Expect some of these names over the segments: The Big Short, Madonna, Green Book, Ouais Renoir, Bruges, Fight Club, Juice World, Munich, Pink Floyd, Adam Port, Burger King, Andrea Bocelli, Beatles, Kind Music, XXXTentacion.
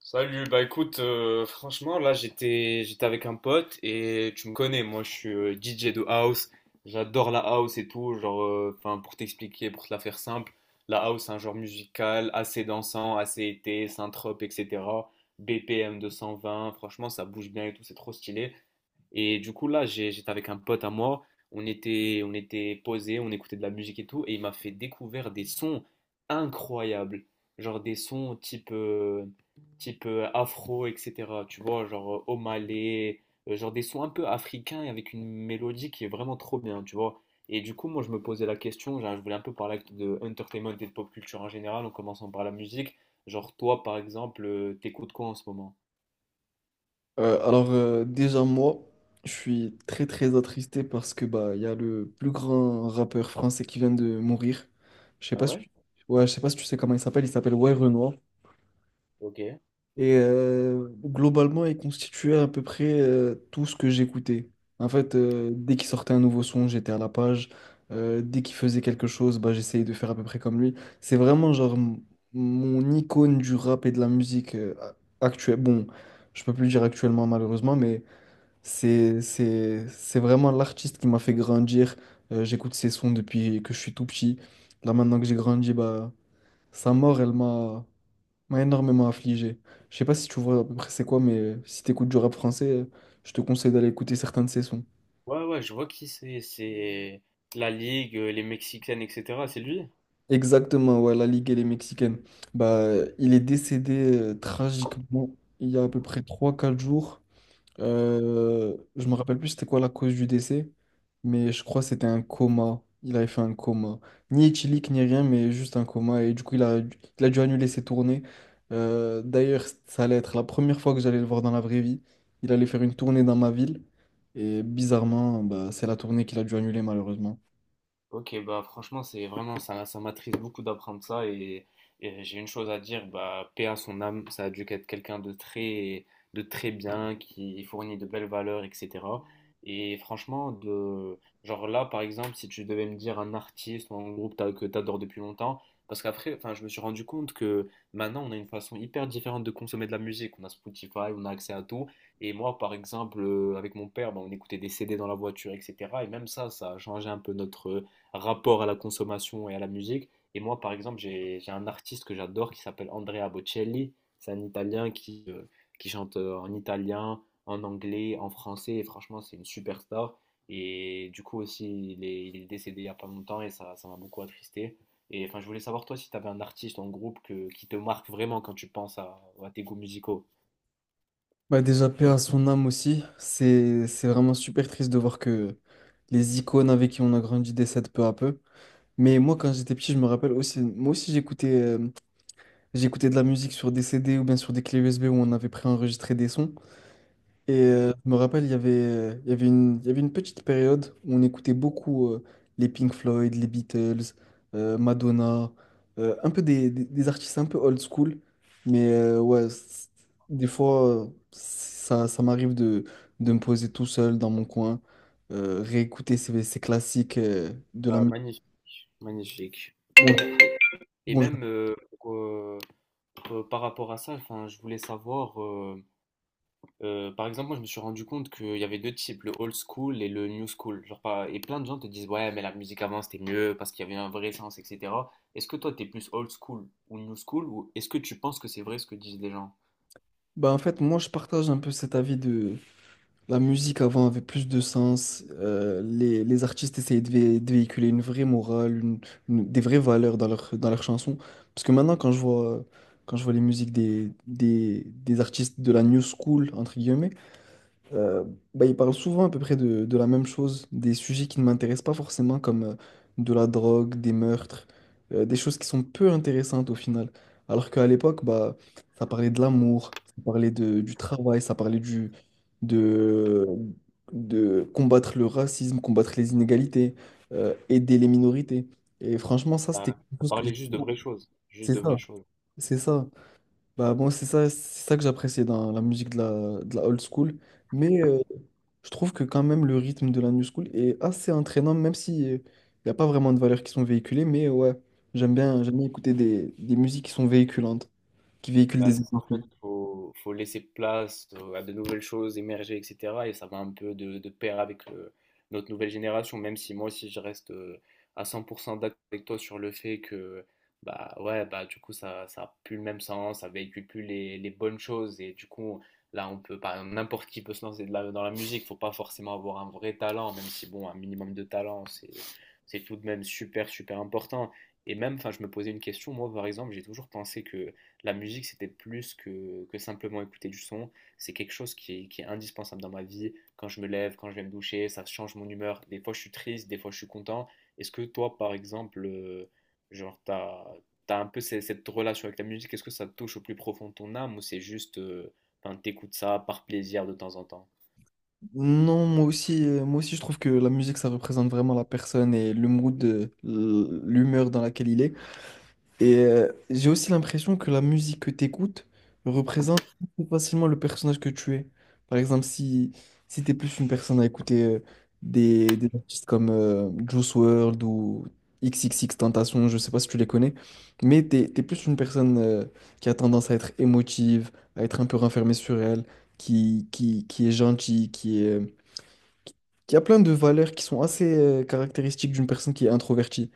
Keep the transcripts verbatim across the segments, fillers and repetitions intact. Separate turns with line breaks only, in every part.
Salut, bah écoute, euh, franchement, là j'étais j'étais avec un pote et tu me connais, moi je suis euh, D J de house, j'adore la house et tout, genre, euh, enfin pour t'expliquer, pour te la faire simple, la house c'est un genre musical assez dansant, assez été, synthrope, et cetera. B P M deux cent vingt, franchement ça bouge bien et tout, c'est trop stylé. Et du coup, là, j'ai- j'étais avec un pote à moi. On était, on était posé, on écoutait de la musique et tout. Et il m'a fait découvrir des sons incroyables. Genre des sons type, euh, type euh, afro, et cetera. Tu vois, genre euh, Omalé, euh, genre des sons un peu africains et avec une mélodie qui est vraiment trop bien, tu vois. Et du coup, moi, je me posais la question, genre, je voulais un peu parler de entertainment et de pop culture en général, en commençant par la musique. Genre, toi, par exemple, euh, t'écoutes quoi en ce moment?
Euh, alors euh, déjà moi, je suis très très attristé parce que bah il y a le plus grand rappeur français qui vient de mourir. Je sais
Ah
pas si
ouais?
tu... ouais, je sais pas si tu sais comment il s'appelle, il s'appelle Ouais Renoir.
Ok.
Et euh, globalement, il constituait à peu près euh, tout ce que j'écoutais. En fait, euh, dès qu'il sortait un nouveau son, j'étais à la page. Euh, dès qu'il faisait quelque chose, bah, j'essayais de faire à peu près comme lui. C'est vraiment genre m- mon icône du rap et de la musique euh, a- actuelle. Bon, je peux plus le dire actuellement malheureusement, mais c'est, c'est, c'est vraiment l'artiste qui m'a fait grandir. Euh, j'écoute ses sons depuis que je suis tout petit. Là, maintenant que j'ai grandi, bah, sa mort, elle m'a, m'a énormément affligé. Je sais pas si tu vois à peu près c'est quoi, mais si t'écoutes du rap français, euh, je te conseille d'aller écouter certains de ses sons.
Ouais, ouais, je vois qui c'est. C'est la Ligue, euh, les Mexicaines, et cetera. C'est lui?
Exactement, ouais, la Ligue, elle est mexicaine. Bah, il est décédé euh, tragiquement il y a à peu près trois quatre jours. Euh, je me rappelle plus c'était quoi la cause du décès, mais je crois que c'était un coma. Il avait fait un coma. Ni éthylique, ni rien, mais juste un coma. Et du coup, il a, il a dû annuler ses tournées. Euh, d'ailleurs, ça allait être la première fois que j'allais le voir dans la vraie vie. Il allait faire une tournée dans ma ville. Et bizarrement, bah, c'est la tournée qu'il a dû annuler malheureusement.
Ok, bah franchement, c'est vraiment, ça, ça m'attriste beaucoup d'apprendre ça, et, et j'ai une chose à dire, bah paix à son âme, ça a dû être quelqu'un de très, de très bien, qui fournit de belles valeurs, et cetera. Et franchement, de, genre là, par exemple, si tu devais me dire un artiste ou un groupe t'as- que t'adores depuis longtemps, parce qu'après, enfin, je me suis rendu compte que maintenant, on a une façon hyper différente de consommer de la musique. On a Spotify, on a accès à tout. Et moi, par exemple, euh, avec mon père, bah, on écoutait des C D dans la voiture, et cetera. Et même ça, ça a changé un peu notre rapport à la consommation et à la musique. Et moi, par exemple, j'ai j'ai un artiste que j'adore qui s'appelle Andrea Bocelli. C'est un Italien qui, euh, qui chante euh, en italien, en anglais, en français. Et franchement, c'est une superstar. Et du coup aussi, il est, il est décédé il n'y a pas longtemps et ça, ça m'a beaucoup attristé. Et enfin, je voulais savoir toi si tu avais un artiste en groupe que, qui te marque vraiment quand tu penses à, à tes goûts musicaux.
Bah, déjà, paix à son âme aussi. C'est, c'est vraiment super triste de voir que les icônes avec qui on a grandi décèdent peu à peu. Mais moi, quand j'étais petit, je me rappelle aussi, moi aussi, j'écoutais euh, j'écoutais de la musique sur des C D ou bien sur des clés U S B où on avait préenregistré des sons. Et
Mhm.
euh, je me rappelle, il y avait, euh, il y avait une, il y avait une petite période où on écoutait beaucoup euh, les Pink Floyd, les Beatles, euh, Madonna, euh, un peu des, des- des artistes un peu old school. Mais euh, ouais, c- des fois, euh, ça, ça m'arrive de, de me poser tout seul dans mon coin, euh, réécouter ces, ces classiques euh, de la
Ah,
musique.
magnifique, magnifique. Et,
Bon,
et
bon.
même, euh, Euh, par rapport à ça, enfin, je voulais savoir, euh, euh, par exemple, moi je me suis rendu compte qu'il y avait deux types, le old school et le new school. Genre, pas- et plein de gens te disent, ouais, mais la musique avant c'était mieux parce qu'il y avait un vrai sens, et cetera. Est-ce que toi t'es plus old school ou new school, ou est-ce que tu penses que c'est vrai ce que disent les gens?
Bah en fait, moi, je partage un peu cet avis de la musique avant avait plus de sens. Euh, les, les artistes essayaient de, vé- de véhiculer une vraie morale, une, une- des vraies valeurs dans leur, dans leurs chansons. Parce que maintenant, quand je vois, quand je vois les musiques des, des, des artistes de la new school, entre guillemets, euh, bah, il parle souvent à peu près de, de la même chose, des sujets qui ne m'intéressent pas forcément, comme euh, de la drogue, des meurtres, euh, des choses qui sont peu intéressantes au final. Alors qu'à l'époque, bah, ça parlait de l'amour, ça parlait de, du travail, ça parlait du, de, de combattre le racisme, combattre les inégalités, euh, aider les minorités. Et franchement, ça, c'était
Bah,
quelque
t'as
chose que j'ai
parlé juste de
beaucoup-
vraies choses, juste
C'est
de
ça,
vraies choses.
c'est ça. Bah, moi, c'est ça, c'est ça que j'appréciais dans la musique de la, de la old school. Mais euh, je trouve que quand même le rythme de la New School est assez entraînant, même si euh, il n'y a pas vraiment de valeurs qui sont véhiculées, mais ouais, j'aime bien, j'aime bien écouter des, des musiques qui sont véhiculantes, qui véhiculent
Bah,
des
c'est ça, en
émotions.
fait, faut, faut laisser place euh, à de nouvelles choses émerger, et cetera. Et ça va un peu de, de pair avec le- notre nouvelle génération, même si moi aussi je reste euh, à cent pour cent d'accord avec toi sur le fait que, bah ouais, bah du coup, ça, ça a plus le même sens, ça véhicule plus les, les bonnes choses. Et du coup, là, on peut, par exemple, n'importe qui peut se lancer de la- dans la musique, faut pas forcément avoir un vrai talent, même si, bon, un minimum de talent, c'est, c'est tout de même super, super important. Et même, enfin, je me posais une question, moi, par exemple, j'ai toujours pensé que la musique, c'était plus que, que simplement écouter du son. C'est quelque chose qui est, qui est indispensable dans ma vie. Quand je me lève, quand je vais me doucher, ça change mon humeur. Des fois, je suis triste, des fois, je suis content. Est-ce que toi, par exemple, euh, genre, t'as, t'as un peu ces- cette relation avec la musique? Est-ce que ça te touche au plus profond de ton âme ou c'est juste, euh, enfin, t'écoutes ça par plaisir de temps en temps?
Non, moi aussi, euh, moi aussi je trouve que la musique, ça représente vraiment la personne et le mood, euh, l'humeur dans laquelle il est. Et euh, j'ai aussi l'impression que la musique que tu écoutes représente plus facilement le personnage que tu es. Par exemple, si, si tu es plus une personne à écouter euh, des, des artistes comme euh, Juice World ou XXXTentacion, je sais pas si tu les connais, mais tu es plus une personne euh, qui a tendance à être émotive, à être un peu renfermée sur elle, qui, qui, qui est gentille, qui est, euh, il y a plein de valeurs qui sont assez euh, caractéristiques d'une personne qui est introvertie.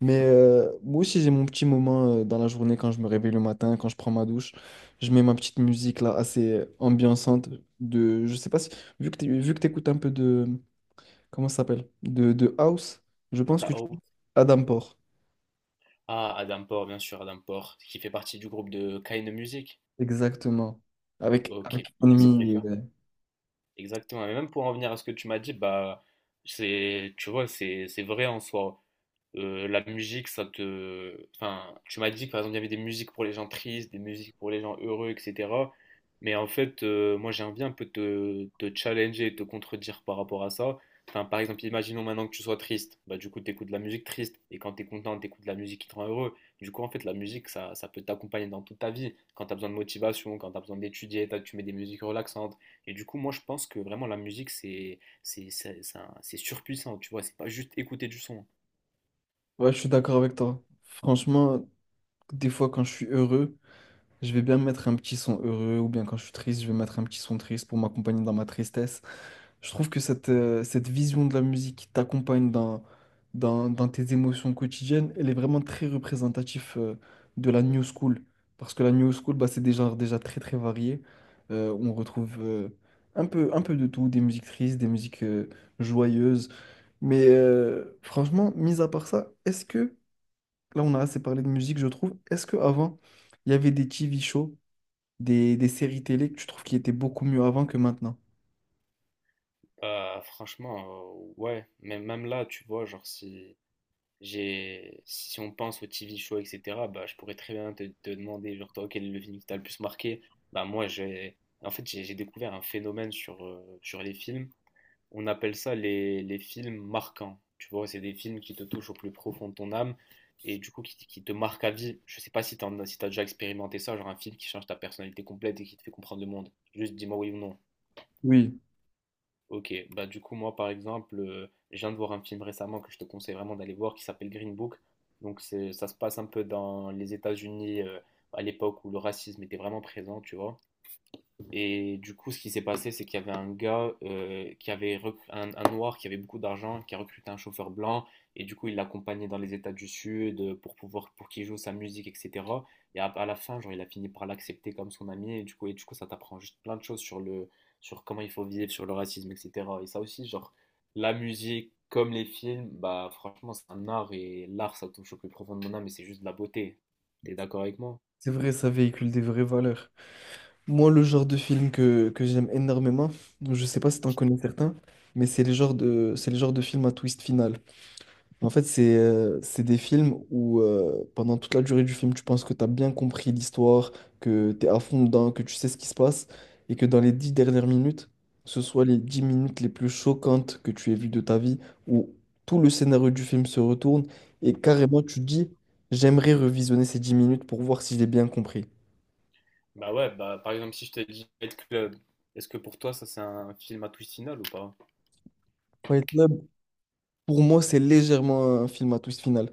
Mais euh, moi aussi, j'ai mon petit moment euh, dans la journée quand je me réveille le matin, quand je prends ma douche. Je mets ma petite musique là, assez euh, ambiançante. De, je sais pas si, vu que tu vu que t'écoutes un peu de, comment ça s'appelle? De, de house, je pense
La
que tu...
Hope.
Adam Port.
Ah, Adam Port, bien sûr, Adam Port, qui fait partie du groupe de Kind Music.
Exactement. Avec,
Ok,
avec
lui, c'est très.
Enemy, euh.
Exactement. Et même pour en venir à ce que tu m'as dit, bah, c'est, tu vois, c'est, c'est vrai en soi. Euh, la musique, ça te... Enfin, tu m'as dit que par exemple, il y avait des musiques pour les gens tristes, des musiques pour les gens heureux, et cetera. Mais en fait, euh, moi, j'ai envie un peu de te, te challenger et te contredire par rapport à ça. Enfin, par exemple, imaginons maintenant que tu sois triste. Bah, du coup, tu écoutes de la musique triste. Et quand tu es content, tu écoutes de la musique qui te rend heureux. Du coup, en fait, la musique, ça, ça peut t'accompagner dans toute ta vie. Quand tu as besoin de motivation, quand tu as besoin d'étudier, t'as- tu mets des musiques relaxantes. Et du coup, moi, je pense que vraiment, la musique, c'est c'est- c'est- c'est un- c'est surpuissant. Tu vois, c'est pas juste écouter du son.
Ouais, je suis d'accord avec toi. Franchement, des fois, quand je suis heureux, je vais bien mettre un petit son heureux ou bien quand je suis triste, je vais mettre un petit son triste pour m'accompagner dans ma tristesse. Je trouve que cette, euh, cette vision de la musique qui t'accompagne dans, dans, dans tes émotions quotidiennes, elle est vraiment très représentative euh, de la new school. Parce que la new school, bah, c'est des genres déjà très très variés. Euh, on retrouve euh, un peu, un peu de tout, des musiques tristes, des musiques euh, joyeuses. Mais euh, franchement, mis à part ça, est-ce que, là on a assez parlé de musique, je trouve, est-ce que avant il y avait des T V shows? des, des séries télé que tu trouves qui étaient beaucoup mieux avant que maintenant.
Euh, franchement, euh, ouais, mais même là, tu vois, genre si j'ai si on pense au T V show, et cetera, bah je pourrais très bien te, te demander, genre toi, quel est le film qui t'a le plus marqué? Bah moi j'ai en fait j'ai j'ai découvert un phénomène sur, euh, sur les films. On appelle ça les, les films marquants. Tu vois, c'est des films qui te touchent au plus profond de ton âme et du coup qui, qui te marquent à vie. Je sais pas si t'en as, si t'as déjà expérimenté ça, genre un film qui change ta personnalité complète et qui te fait comprendre le monde. Juste dis-moi oui ou non.
Oui.
Ok, bah du coup moi par exemple, euh, je viens de voir un film récemment que je te conseille vraiment d'aller voir qui s'appelle Green Book. Donc c'est, ça se passe un peu dans les États-Unis euh, à l'époque où le racisme était vraiment présent, tu vois. Et du coup, ce qui s'est passé, c'est qu'il y avait un gars euh, qui avait rec- un, un noir qui avait beaucoup d'argent, qui a recruté un chauffeur blanc, et du coup, il l'accompagnait dans les États du Sud euh, pour pouvoir pour qu'il joue sa musique, et cetera. Et à, à la fin, genre, il a fini par l'accepter comme son ami, et du coup, et du coup, ça t'apprend juste plein de choses sur le sur comment il faut vivre, sur le racisme, et cetera. Et ça aussi, genre, la musique comme les films, bah franchement, c'est un art, et l'art, ça touche au plus profond de mon âme, et c'est juste de la beauté. T'es d'accord avec moi?
C'est vrai, ça véhicule des vraies valeurs. Moi, le genre de film que, que j'aime énormément, je sais pas si t'en connais certains, mais c'est les genres de, c'est les genres de films à twist final. En fait, c'est euh, c'est des films où euh, pendant toute la durée du film, tu penses que tu as bien compris l'histoire, que tu es à fond dedans, que tu sais ce qui se passe, et que dans les dix dernières minutes, ce soit les dix minutes les plus choquantes que tu aies vues de ta vie, où tout le scénario du film se retourne, et carrément tu te dis, j'aimerais revisionner ces dix minutes pour voir si j'ai bien compris.
Bah ouais, bah par exemple, si je te dis Fight Club, est-ce que pour toi ça c'est un film à twist final ou pas?
Fight Club, pour moi, c'est légèrement un film à twist final.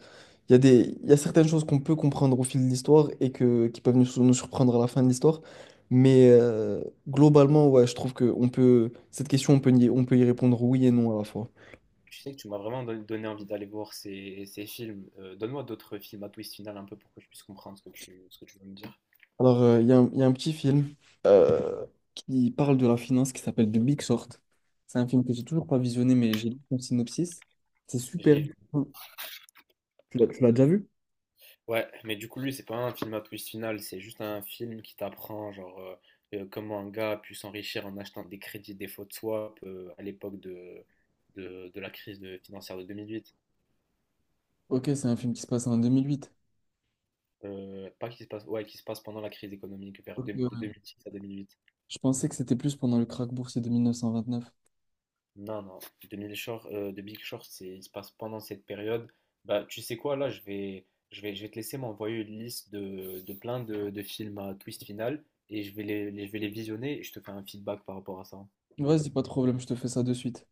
Il y a des, il y a certaines choses qu'on peut comprendre au fil de l'histoire et que, qui peuvent nous, sur- nous surprendre à la fin de l'histoire. Mais euh, Globalement, ouais, je trouve que on peut, cette question, on peut y, on peut y répondre oui et non à la fois.
Tu sais que tu m'as vraiment don- donné envie d'aller voir ces, ces films. Euh, donne-moi d'autres films à twist final un peu pour que je puisse comprendre ce que tu, ce que tu veux me dire.
Alors, euh, il y a un, il y a un petit film euh, qui parle de la finance qui s'appelle The Big Short. C'est un film que j'ai toujours pas visionné, mais j'ai lu son synopsis. C'est
Je
super.
l'ai vu.
Tu l'as tu l'as déjà vu?
Ouais, mais du coup lui c'est pas un film à twist final, c'est juste un film qui t'apprend genre euh, euh, comment un gars a pu s'enrichir en achetant des crédits des faux de swap euh, à l'époque de, de, de la crise de- financière de deux mille huit.
Ok, c'est un film qui se passe en deux mille huit.
Euh, pas qui se passe, ouais, qui se passe pendant la crise économique vers
Ok,
deux- de deux
ouais.
mille six à deux mille huit.
Je pensais que c'était plus pendant le krach boursier de mille neuf cent vingt-neuf.
Non, non. The Big Short, euh, The Big Short, c'est, il se passe pendant cette période. Bah, tu sais quoi, là, je vais, je vais, je vais te laisser m'envoyer une liste de, de plein de, de films à twist final et je vais les, les- je vais les visionner et je te fais un feedback par rapport à ça.
Vas-y, pas de problème, je te fais ça de suite.